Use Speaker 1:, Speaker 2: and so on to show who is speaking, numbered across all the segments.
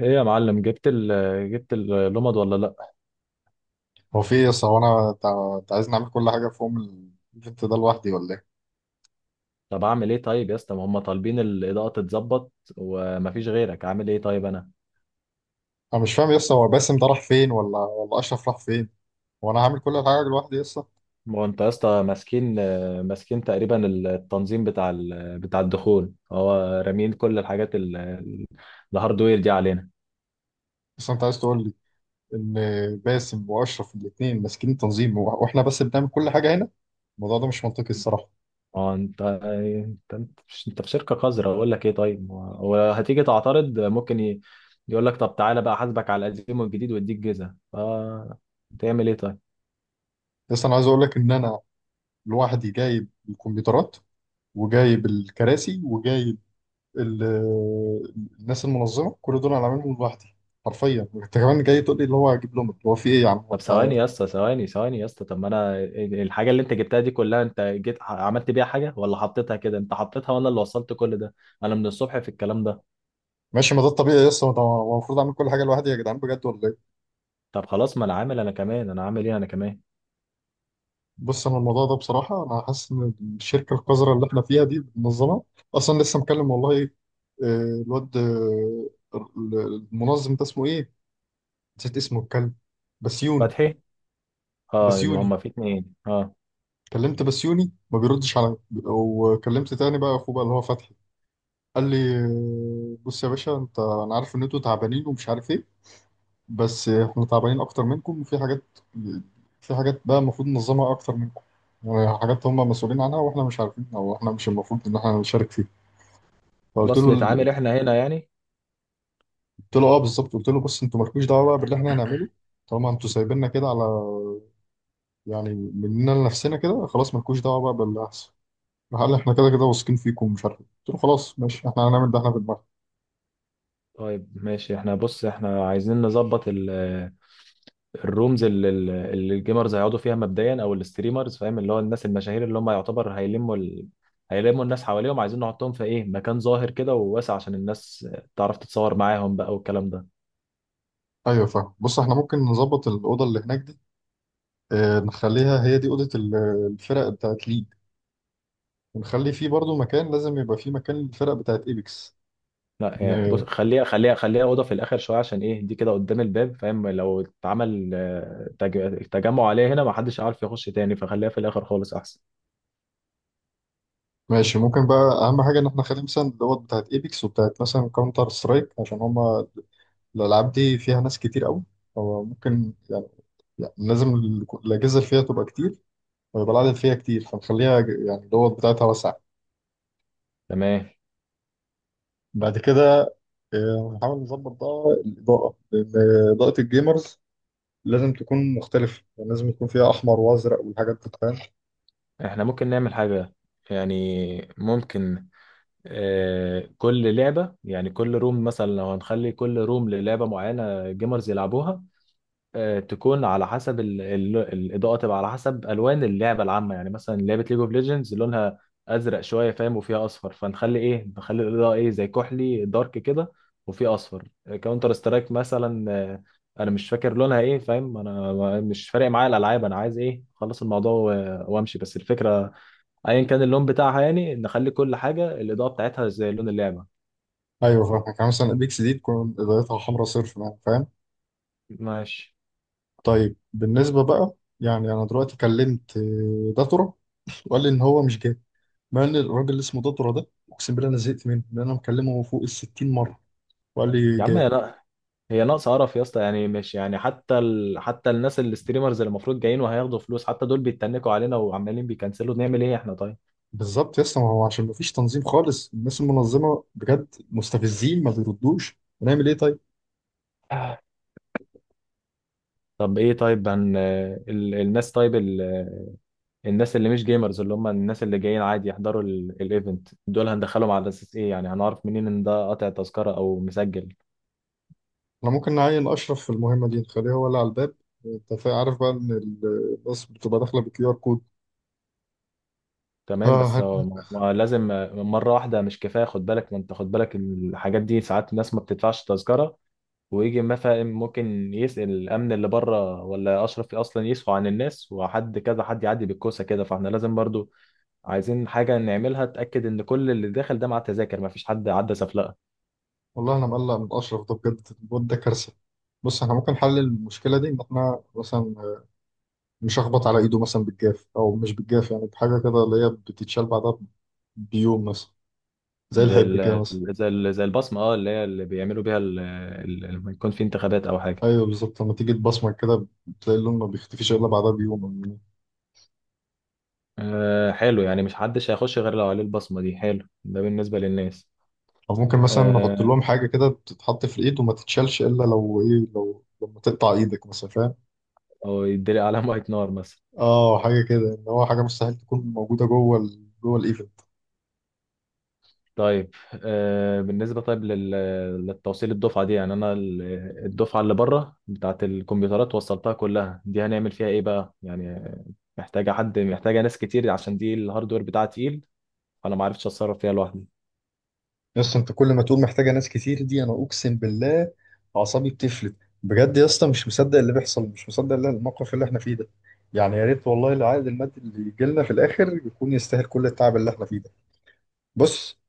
Speaker 1: ايه يا معلم جبت اللمض ولا لا؟
Speaker 2: هو في إيه يس هو انا أنت عايزني اعمل كل حاجه في يوم الايفنت ده لوحدي ولا ايه؟
Speaker 1: طب اعمل ايه طيب يا اسطى؟ ما هم طالبين الاضاءه تتظبط ومفيش غيرك، اعمل ايه طيب انا؟
Speaker 2: انا مش فاهم يس هو باسم ده راح فين ولا اشرف راح فين؟ هو انا هعمل كل الحاجه لوحدي يس.
Speaker 1: ما هو انت يا اسطى ماسكين تقريبا التنظيم بتاع بتاع الدخول. هو رامين كل الحاجات الهاردوير دي علينا.
Speaker 2: بس انت عايز تقول لي ان باسم واشرف الاثنين ماسكين التنظيم واحنا بس بنعمل كل حاجه هنا؟ الموضوع ده مش منطقي الصراحه.
Speaker 1: اه، انت في شركه قذره، اقول لك ايه طيب؟ هو هتيجي تعترض، ممكن يقول لك طب تعالى بقى احاسبك على القديم والجديد واديك جزءه، ف تعمل ايه طيب؟
Speaker 2: بس انا عايز اقول لك ان انا لوحدي جايب الكمبيوترات وجايب الكراسي وجايب ال- الناس المنظمه كل دول انا عاملهم لوحدي. حرفيا انت كمان جاي تقول لي اللي هو اجيب لهم هو في ايه يا عم
Speaker 1: طب
Speaker 2: انت.
Speaker 1: ثواني يا اسطى، ثواني، ثواني يا اسطى. طب ما انا الحاجه اللي انت جبتها دي كلها، انت جيت عملت بيها حاجه ولا حطيتها كده؟ انت حطيتها وانا اللي وصلت كل ده. انا من الصبح في الكلام ده.
Speaker 2: ماشي ما ده الطبيعي لسه هو هو المفروض اعمل كل حاجه لوحدي يا جدعان بجد ولا ايه.
Speaker 1: طب خلاص، ما انا عامل، انا كمان انا عامل ايه، انا كمان.
Speaker 2: بص انا الموضوع ده بصراحه انا حاسس ان الشركه القذره اللي احنا فيها دي منظمه اصلا لسه مكلم والله. الواد ال- المنظم ده اسمه ايه، نسيت اسمه الكلب، بسيوني.
Speaker 1: فتحي. اه، إن
Speaker 2: بسيوني
Speaker 1: هما في اتنين اه.
Speaker 2: كلمت بسيوني ما بيردش عليا، وكلمت تاني بقى اخوه بقى اللي هو فتحي. قال لي بص يا باشا انت، انا عارف ان انتوا تعبانين ومش عارف ايه، بس احنا تعبانين اكتر منكم وفي حاجات، في حاجات بقى المفروض ننظمها اكتر منكم، وحاجات هم مسؤولين عنها واحنا مش عارفين او احنا مش المفروض ان احنا نشارك فيها. فقلت له
Speaker 1: خلاص نتعامل احنا هنا يعني.
Speaker 2: قلت له اه بالظبط، قلت له بص انتوا مالكوش دعوه بقى باللي احنا هنعمله، طالما انتوا سايبيننا كده على يعني مننا لنفسنا كده خلاص مالكوش دعوه بقى باللي هيحصل. قال احنا كده كده واثقين فيكم ومش عارف إيه. قلت له خلاص ماشي احنا هنعمل ده احنا في دماغنا.
Speaker 1: طيب ماشي احنا، بص احنا عايزين نظبط الرومز اللي الجيمرز هيقعدوا فيها مبدئيا، او الستريمرز، فاهم؟ اللي هو الناس المشاهير اللي هم يعتبر هيلموا الناس حواليهم. عايزين نحطهم في ايه؟ مكان ظاهر كده وواسع عشان الناس تعرف تتصور معاهم بقى والكلام ده.
Speaker 2: ايوه فاهم، بص احنا ممكن نظبط الاوضه اللي هناك دي، اه نخليها هي دي اوضه الفرق بتاعت ليج، ونخلي فيه برضو مكان، لازم يبقى فيه مكان للفرق بتاعت ايبكس.
Speaker 1: لا يعني،
Speaker 2: م-
Speaker 1: بص خليها اوضه في الاخر شويه، عشان ايه؟ دي كده قدام الباب، فاهم؟ لو اتعمل تجمع عليها هنا ما حدش عارف يخش تاني، فخليها في الاخر خالص احسن.
Speaker 2: ماشي ممكن بقى اهم حاجه ان احنا نخلي مثلا دوت بتاعت ايبكس وبتاعت مثلا كاونتر سترايك، عشان هما الالعاب دي فيها ناس كتير قوي. هو ممكن يعني، يعني لازم الاجهزه اللي فيها تبقى كتير، ويبقى العدد فيها كتير، فنخليها يعني دوت بتاعتها واسعه.
Speaker 1: تمام.
Speaker 2: بعد كده نحاول نظبط بقى الاضاءه، لان اضاءه الجيمرز لازم تكون مختلفه، يعني لازم يكون فيها احمر وازرق والحاجات دي فاهم؟
Speaker 1: احنا ممكن نعمل حاجه، يعني ممكن كل لعبة، يعني كل روم، مثلا لو هنخلي كل روم للعبة معينة جيمرز يلعبوها، تكون على حسب ال ال الإضاءة، تبقى على حسب ألوان اللعبة العامة. يعني مثلا لعبة ليج اوف ليجندز لونها أزرق شوية، فاهم؟ وفيها أصفر، فنخلي إيه؟ نخلي الإضاءة إيه؟ زي كحلي دارك كده، وفيه أصفر. كاونتر سترايك مثلا، أنا مش فاكر لونها إيه، فاهم؟ أنا مش فارق معايا الألعاب، أنا عايز إيه؟ أخلص الموضوع وأمشي. بس الفكرة، ايا كان اللون بتاعها، يعني نخلي كل حاجه الاضاءه بتاعتها زي لون اللعبه.
Speaker 2: ايوه فاهمك، يعني مثلا الاكس دي تكون بدايتها حمراء صرف يعني فاهم.
Speaker 1: ماشي.
Speaker 2: طيب بالنسبه بقى يعني انا دلوقتي كلمت داتورا وقال لي ان هو مش جاي. مع ان الراجل اللي اسمه داتورا ده اقسم بالله انا زهقت منه، لان انا مكلمه فوق ال 60 مره وقال لي
Speaker 1: يا عم
Speaker 2: جاي.
Speaker 1: هي لا، هي ناقصه قرف يا اسطى. يعني مش يعني حتى الناس الستريمرز اللي المفروض جايين وهياخدوا فلوس، حتى دول بيتنكوا علينا وعمالين بيكنسلوا، نعمل ايه احنا طيب؟
Speaker 2: بالظبط يا اسطى، ما هو عشان ما فيش تنظيم خالص، الناس المنظمه بجد مستفزين ما بيردوش، هنعمل ايه طيب.
Speaker 1: طب ايه طيب الناس، طيب الناس اللي مش جيمرز، اللي هم الناس اللي جايين عادي يحضروا الايفنت، دول هندخلهم على اساس ايه؟ يعني هنعرف منين ان ده قاطع تذكره او مسجل؟
Speaker 2: احنا ممكن نعين اشرف في المهمه دي نخليه هو اللي على الباب. انت عارف بقى ان الناس بتبقى داخله بكيو ار
Speaker 1: تمام بس هو
Speaker 2: كود.
Speaker 1: ما لازم مرة واحدة مش كفاية، خد بالك. ما انت خد بالك الحاجات دي، ساعات الناس ما بتدفعش تذكرة، ويجي مثلا ممكن يسأل الأمن اللي بره، ولا أشرف أصلا يسهو عن الناس، وحد كذا حد يعدي بالكوسة كده. فاحنا لازم برضو عايزين حاجة نعملها تأكد إن كل اللي داخل ده مع التذاكر، ما فيش حد عدى سفلقة.
Speaker 2: والله انا مقلق من اشرف ده بجد، الواد ده كارثه. بص احنا ممكن نحل المشكله دي ان احنا مثلا نشخبط على ايده مثلا بالجاف، او مش بالجاف يعني بحاجه كده اللي هي بتتشال بعدها بيوم مثلا، زي
Speaker 1: زي
Speaker 2: الحبر كده
Speaker 1: ال
Speaker 2: مثلا.
Speaker 1: زي البصمة، اه، اللي هي اللي بيعملوا بيها لما يكون في انتخابات أو حاجة.
Speaker 2: ايوه بالظبط لما تيجي تبصمج كده بتلاقي اللون ما بيختفيش الا بعدها بيوم او يومين.
Speaker 1: آه حلو. يعني مش حدش هيخش غير لو عليه البصمة دي. حلو ده بالنسبة للناس.
Speaker 2: أو ممكن مثلا نحط
Speaker 1: آه،
Speaker 2: لهم حاجه كده بتتحط في الايد وما تتشالش الا لو ايه لو لما تقطع ايدك مثلا فاهم.
Speaker 1: او يدري علامة نار مثلا.
Speaker 2: اه حاجه كده ان هو حاجه مستحيل تكون موجوده جوه الايد.
Speaker 1: طيب بالنسبة، طيب للتوصيل الدفعة دي، يعني أنا الدفعة اللي بره بتاعة الكمبيوترات وصلتها كلها دي، هنعمل فيها إيه بقى يعني؟ محتاجة حد، محتاجة ناس كتير، عشان دي الهاردوير بتاعها تقيل. أنا ما عرفتش أتصرف فيها لوحدي.
Speaker 2: يس انت كل ما تقول محتاجه ناس كتير دي، انا اقسم بالله اعصابي بتفلت. بجد يا اسطى مش مصدق اللي بيحصل، مش مصدق اللي الموقف اللي احنا فيه ده. يعني يا ريت والله العائد المادي اللي يجي لنا في الاخر يكون يستاهل كل التعب اللي احنا فيه ده. بص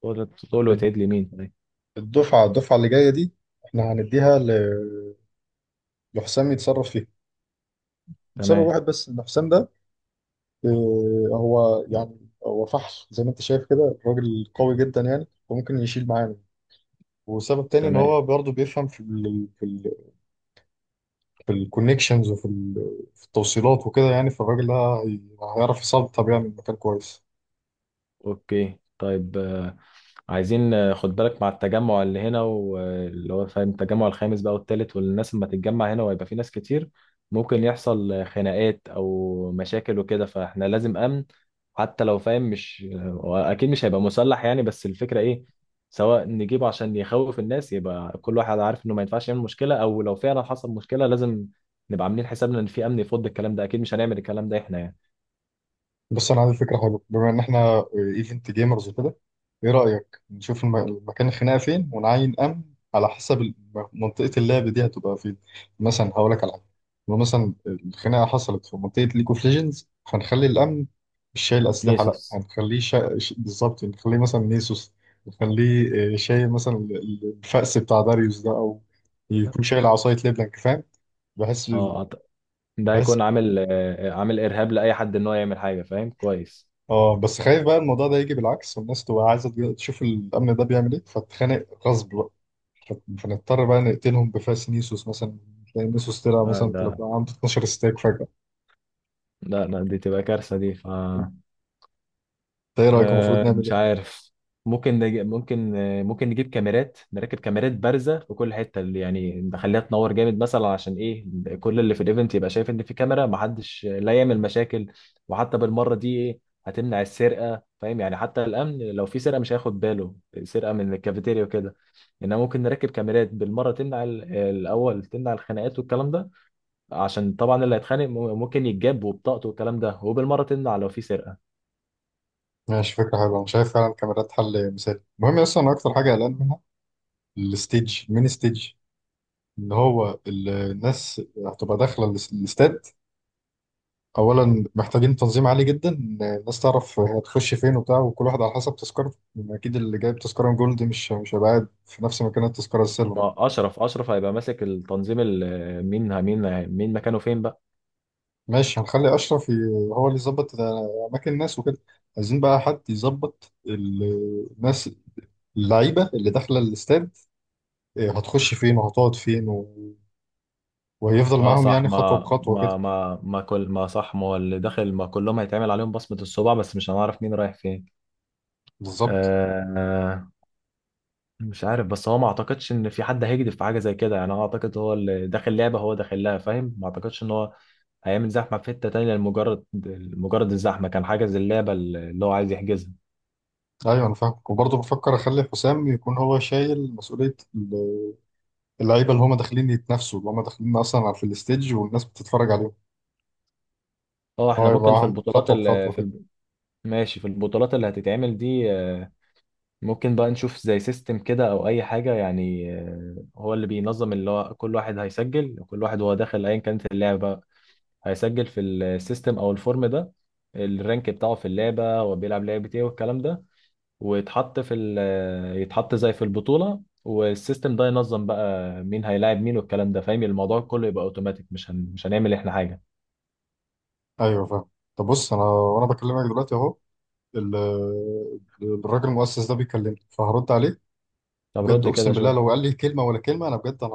Speaker 1: تقول
Speaker 2: الد-
Speaker 1: وتعيد لي مين طيب؟
Speaker 2: الدفعه اللي جايه دي احنا هنديها لحسام يتصرف فيها، بسبب
Speaker 1: تمام.
Speaker 2: واحد بس ان حسام ده اه، هو يعني هو فحل زي ما انت شايف كده، الراجل قوي جدا يعني وممكن يشيل معانا. وسبب تاني ان
Speaker 1: تمام.
Speaker 2: هو برضه بيفهم في في الكونكشنز وفي في التوصيلات وكده، يعني فالراجل ده هيعرف يصلي طب يعني المكان كويس.
Speaker 1: اوكي طيب، عايزين خد بالك مع التجمع اللي هنا واللي هو فاهم التجمع الخامس بقى والتالت، والناس لما تتجمع هنا وهيبقى في ناس كتير، ممكن يحصل خناقات او مشاكل وكده، فاحنا لازم امن. حتى لو فاهم مش، اكيد مش هيبقى مسلح يعني، بس الفكرة ايه؟ سواء نجيبه عشان يخوف الناس يبقى كل واحد عارف انه ما ينفعش يعمل مشكلة، او لو فعلا حصل مشكلة لازم نبقى عاملين حسابنا ان في امن يفض الكلام ده. اكيد مش هنعمل الكلام ده احنا يعني.
Speaker 2: بص انا عندي فكره حلوه، بما ان احنا ايفنت جيمرز وكده، ايه رايك نشوف المكان الخناقه فين ونعين امن على حسب منطقه اللعب دي هتبقى فين. مثلا هقول لك على حاجه، لو مثلا الخناقه حصلت في منطقه ليج اوف ليجندز هنخلي الامن مش شايل اسلحه، لا
Speaker 1: نيسوس.
Speaker 2: هنخليه بالظبط نخليه مثلا نيسوس. نخليه شايل مثلا الفأس بتاع داريوس ده، او يكون شايل عصايه ليبلانك فاهم. بحس
Speaker 1: اه، ده
Speaker 2: بحس
Speaker 1: هيكون عامل ارهاب لاي حد ان هو يعمل حاجه، فاهم؟ كويس.
Speaker 2: اه بس خايف بقى الموضوع ده يجي بالعكس، والناس تبقى عايزه تشوف الامن ده بيعمل ايه فتتخانق غصب بقى، فنضطر بقى نقتلهم بفاس نيسوس مثلا. تلاقي نيسوس طلع مثلا
Speaker 1: ده
Speaker 2: تبقى عنده 12 ستيك فجاه.
Speaker 1: لا لا، دي تبقى كارثه دي ف...
Speaker 2: انت ايه رايك المفروض نعمل
Speaker 1: مش
Speaker 2: ايه؟
Speaker 1: عارف. ممكن نج... ممكن آه، ممكن نجيب كاميرات، نركب كاميرات بارزة في كل حتة، اللي يعني نخليها تنور جامد مثلا، عشان ايه؟ كل اللي في الايفنت يبقى شايف ان في كاميرا، محدش لا يعمل مشاكل. وحتى بالمرة دي ايه؟ هتمنع السرقة، فاهم يعني؟ حتى الأمن لو في سرقة مش هياخد باله، سرقة من الكافيتيريا وكده. إنما ممكن نركب كاميرات بالمرة تمنع الأول تمنع الخناقات والكلام ده، عشان طبعا اللي هيتخانق ممكن يتجاب وبطاقته والكلام ده، وبالمرة تمنع لو في سرقة.
Speaker 2: ماشي فكره حلوه، انا شايف فعلا الكاميرات حل مثالي. المهم اصلا انا اكتر حاجه قلقان منها الستيج، الميني ستيج اللي هو الناس هتبقى داخله الاستاد. اولا محتاجين تنظيم عالي جدا الناس تعرف هي هتخش فين وبتاع وكل واحد على حسب تذكرته، اكيد اللي جايب تذكره جولد مش هيبقى قاعد في نفس مكان التذكره السيلفر.
Speaker 1: ما اشرف، اشرف هيبقى ماسك التنظيم مين مين مين مكانه فين بقى.
Speaker 2: ماشي هنخلي اشرف هو اللي يظبط اماكن الناس وكده. عايزين بقى حد يظبط الناس اللعيبه اللي داخله الاستاد، إيه، هتخش فين وهتقعد فين و... وهيفضل
Speaker 1: اه
Speaker 2: معاهم
Speaker 1: صح،
Speaker 2: يعني خطوه
Speaker 1: ما
Speaker 2: بخطوه
Speaker 1: ما
Speaker 2: كده.
Speaker 1: ما ما كل ما صح، ما هو اللي داخل ما كلهم هيتعمل عليهم بصمة الصبع، بس مش هنعرف مين رايح فين.
Speaker 2: بالظبط.
Speaker 1: آه، مش عارف. بس هو ما اعتقدش ان في حد هيجدف في حاجة زي كده. يعني انا اعتقد هو اللي داخل لعبة هو داخل لها، فاهم؟ ما اعتقدش ان هو هيعمل زحمة في حتة تانية لمجرد مجرد الزحمة كان حاجز اللعبة اللي هو عايز يحجزها.
Speaker 2: ايوه انا فاهم، وبرضه بفكر اخلي حسام يكون هو شايل مسؤوليه اللعيبه اللي هم داخلين يتنافسوا، اللي هم داخلين اصلا في الستيج والناس بتتفرج عليهم،
Speaker 1: اه
Speaker 2: هو
Speaker 1: احنا ممكن في
Speaker 2: يبقى
Speaker 1: البطولات
Speaker 2: خطوه بخطوه كده.
Speaker 1: ماشي، في البطولات اللي هتتعمل دي ممكن بقى نشوف زي سيستم كده او اي حاجه يعني. هو اللي بينظم، اللي هو كل واحد هيسجل، كل واحد وهو داخل ايا كانت اللعبه هيسجل في السيستم او الفورم ده الرانك بتاعه في اللعبه وبيلعب لعبه ايه والكلام ده، ويتحط في ال آه، يتحط زي في البطوله، والسيستم ده ينظم بقى مين هيلاعب مين والكلام ده، فاهم؟ الموضوع كله يبقى اوتوماتيك، مش مش هنعمل احنا حاجه.
Speaker 2: ايوه فاهم. طب بص انا وانا بكلمك دلوقتي اهو ال- الراجل المؤسس ده بيكلمني فهرد عليه.
Speaker 1: طب
Speaker 2: بجد
Speaker 1: رد كده
Speaker 2: اقسم بالله
Speaker 1: شوف.
Speaker 2: لو قال لي كلمه ولا كلمه انا بجد انا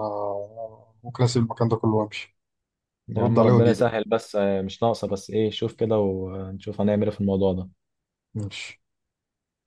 Speaker 2: ممكن اسيب المكان ده كله وامشي.
Speaker 1: يا
Speaker 2: هرد
Speaker 1: عم
Speaker 2: عليه
Speaker 1: ربنا
Speaker 2: واجي لك،
Speaker 1: يسهل، بس مش ناقصه. بس ايه، شوف كده ونشوف هنعمل ايه في الموضوع ده.
Speaker 2: ماشي.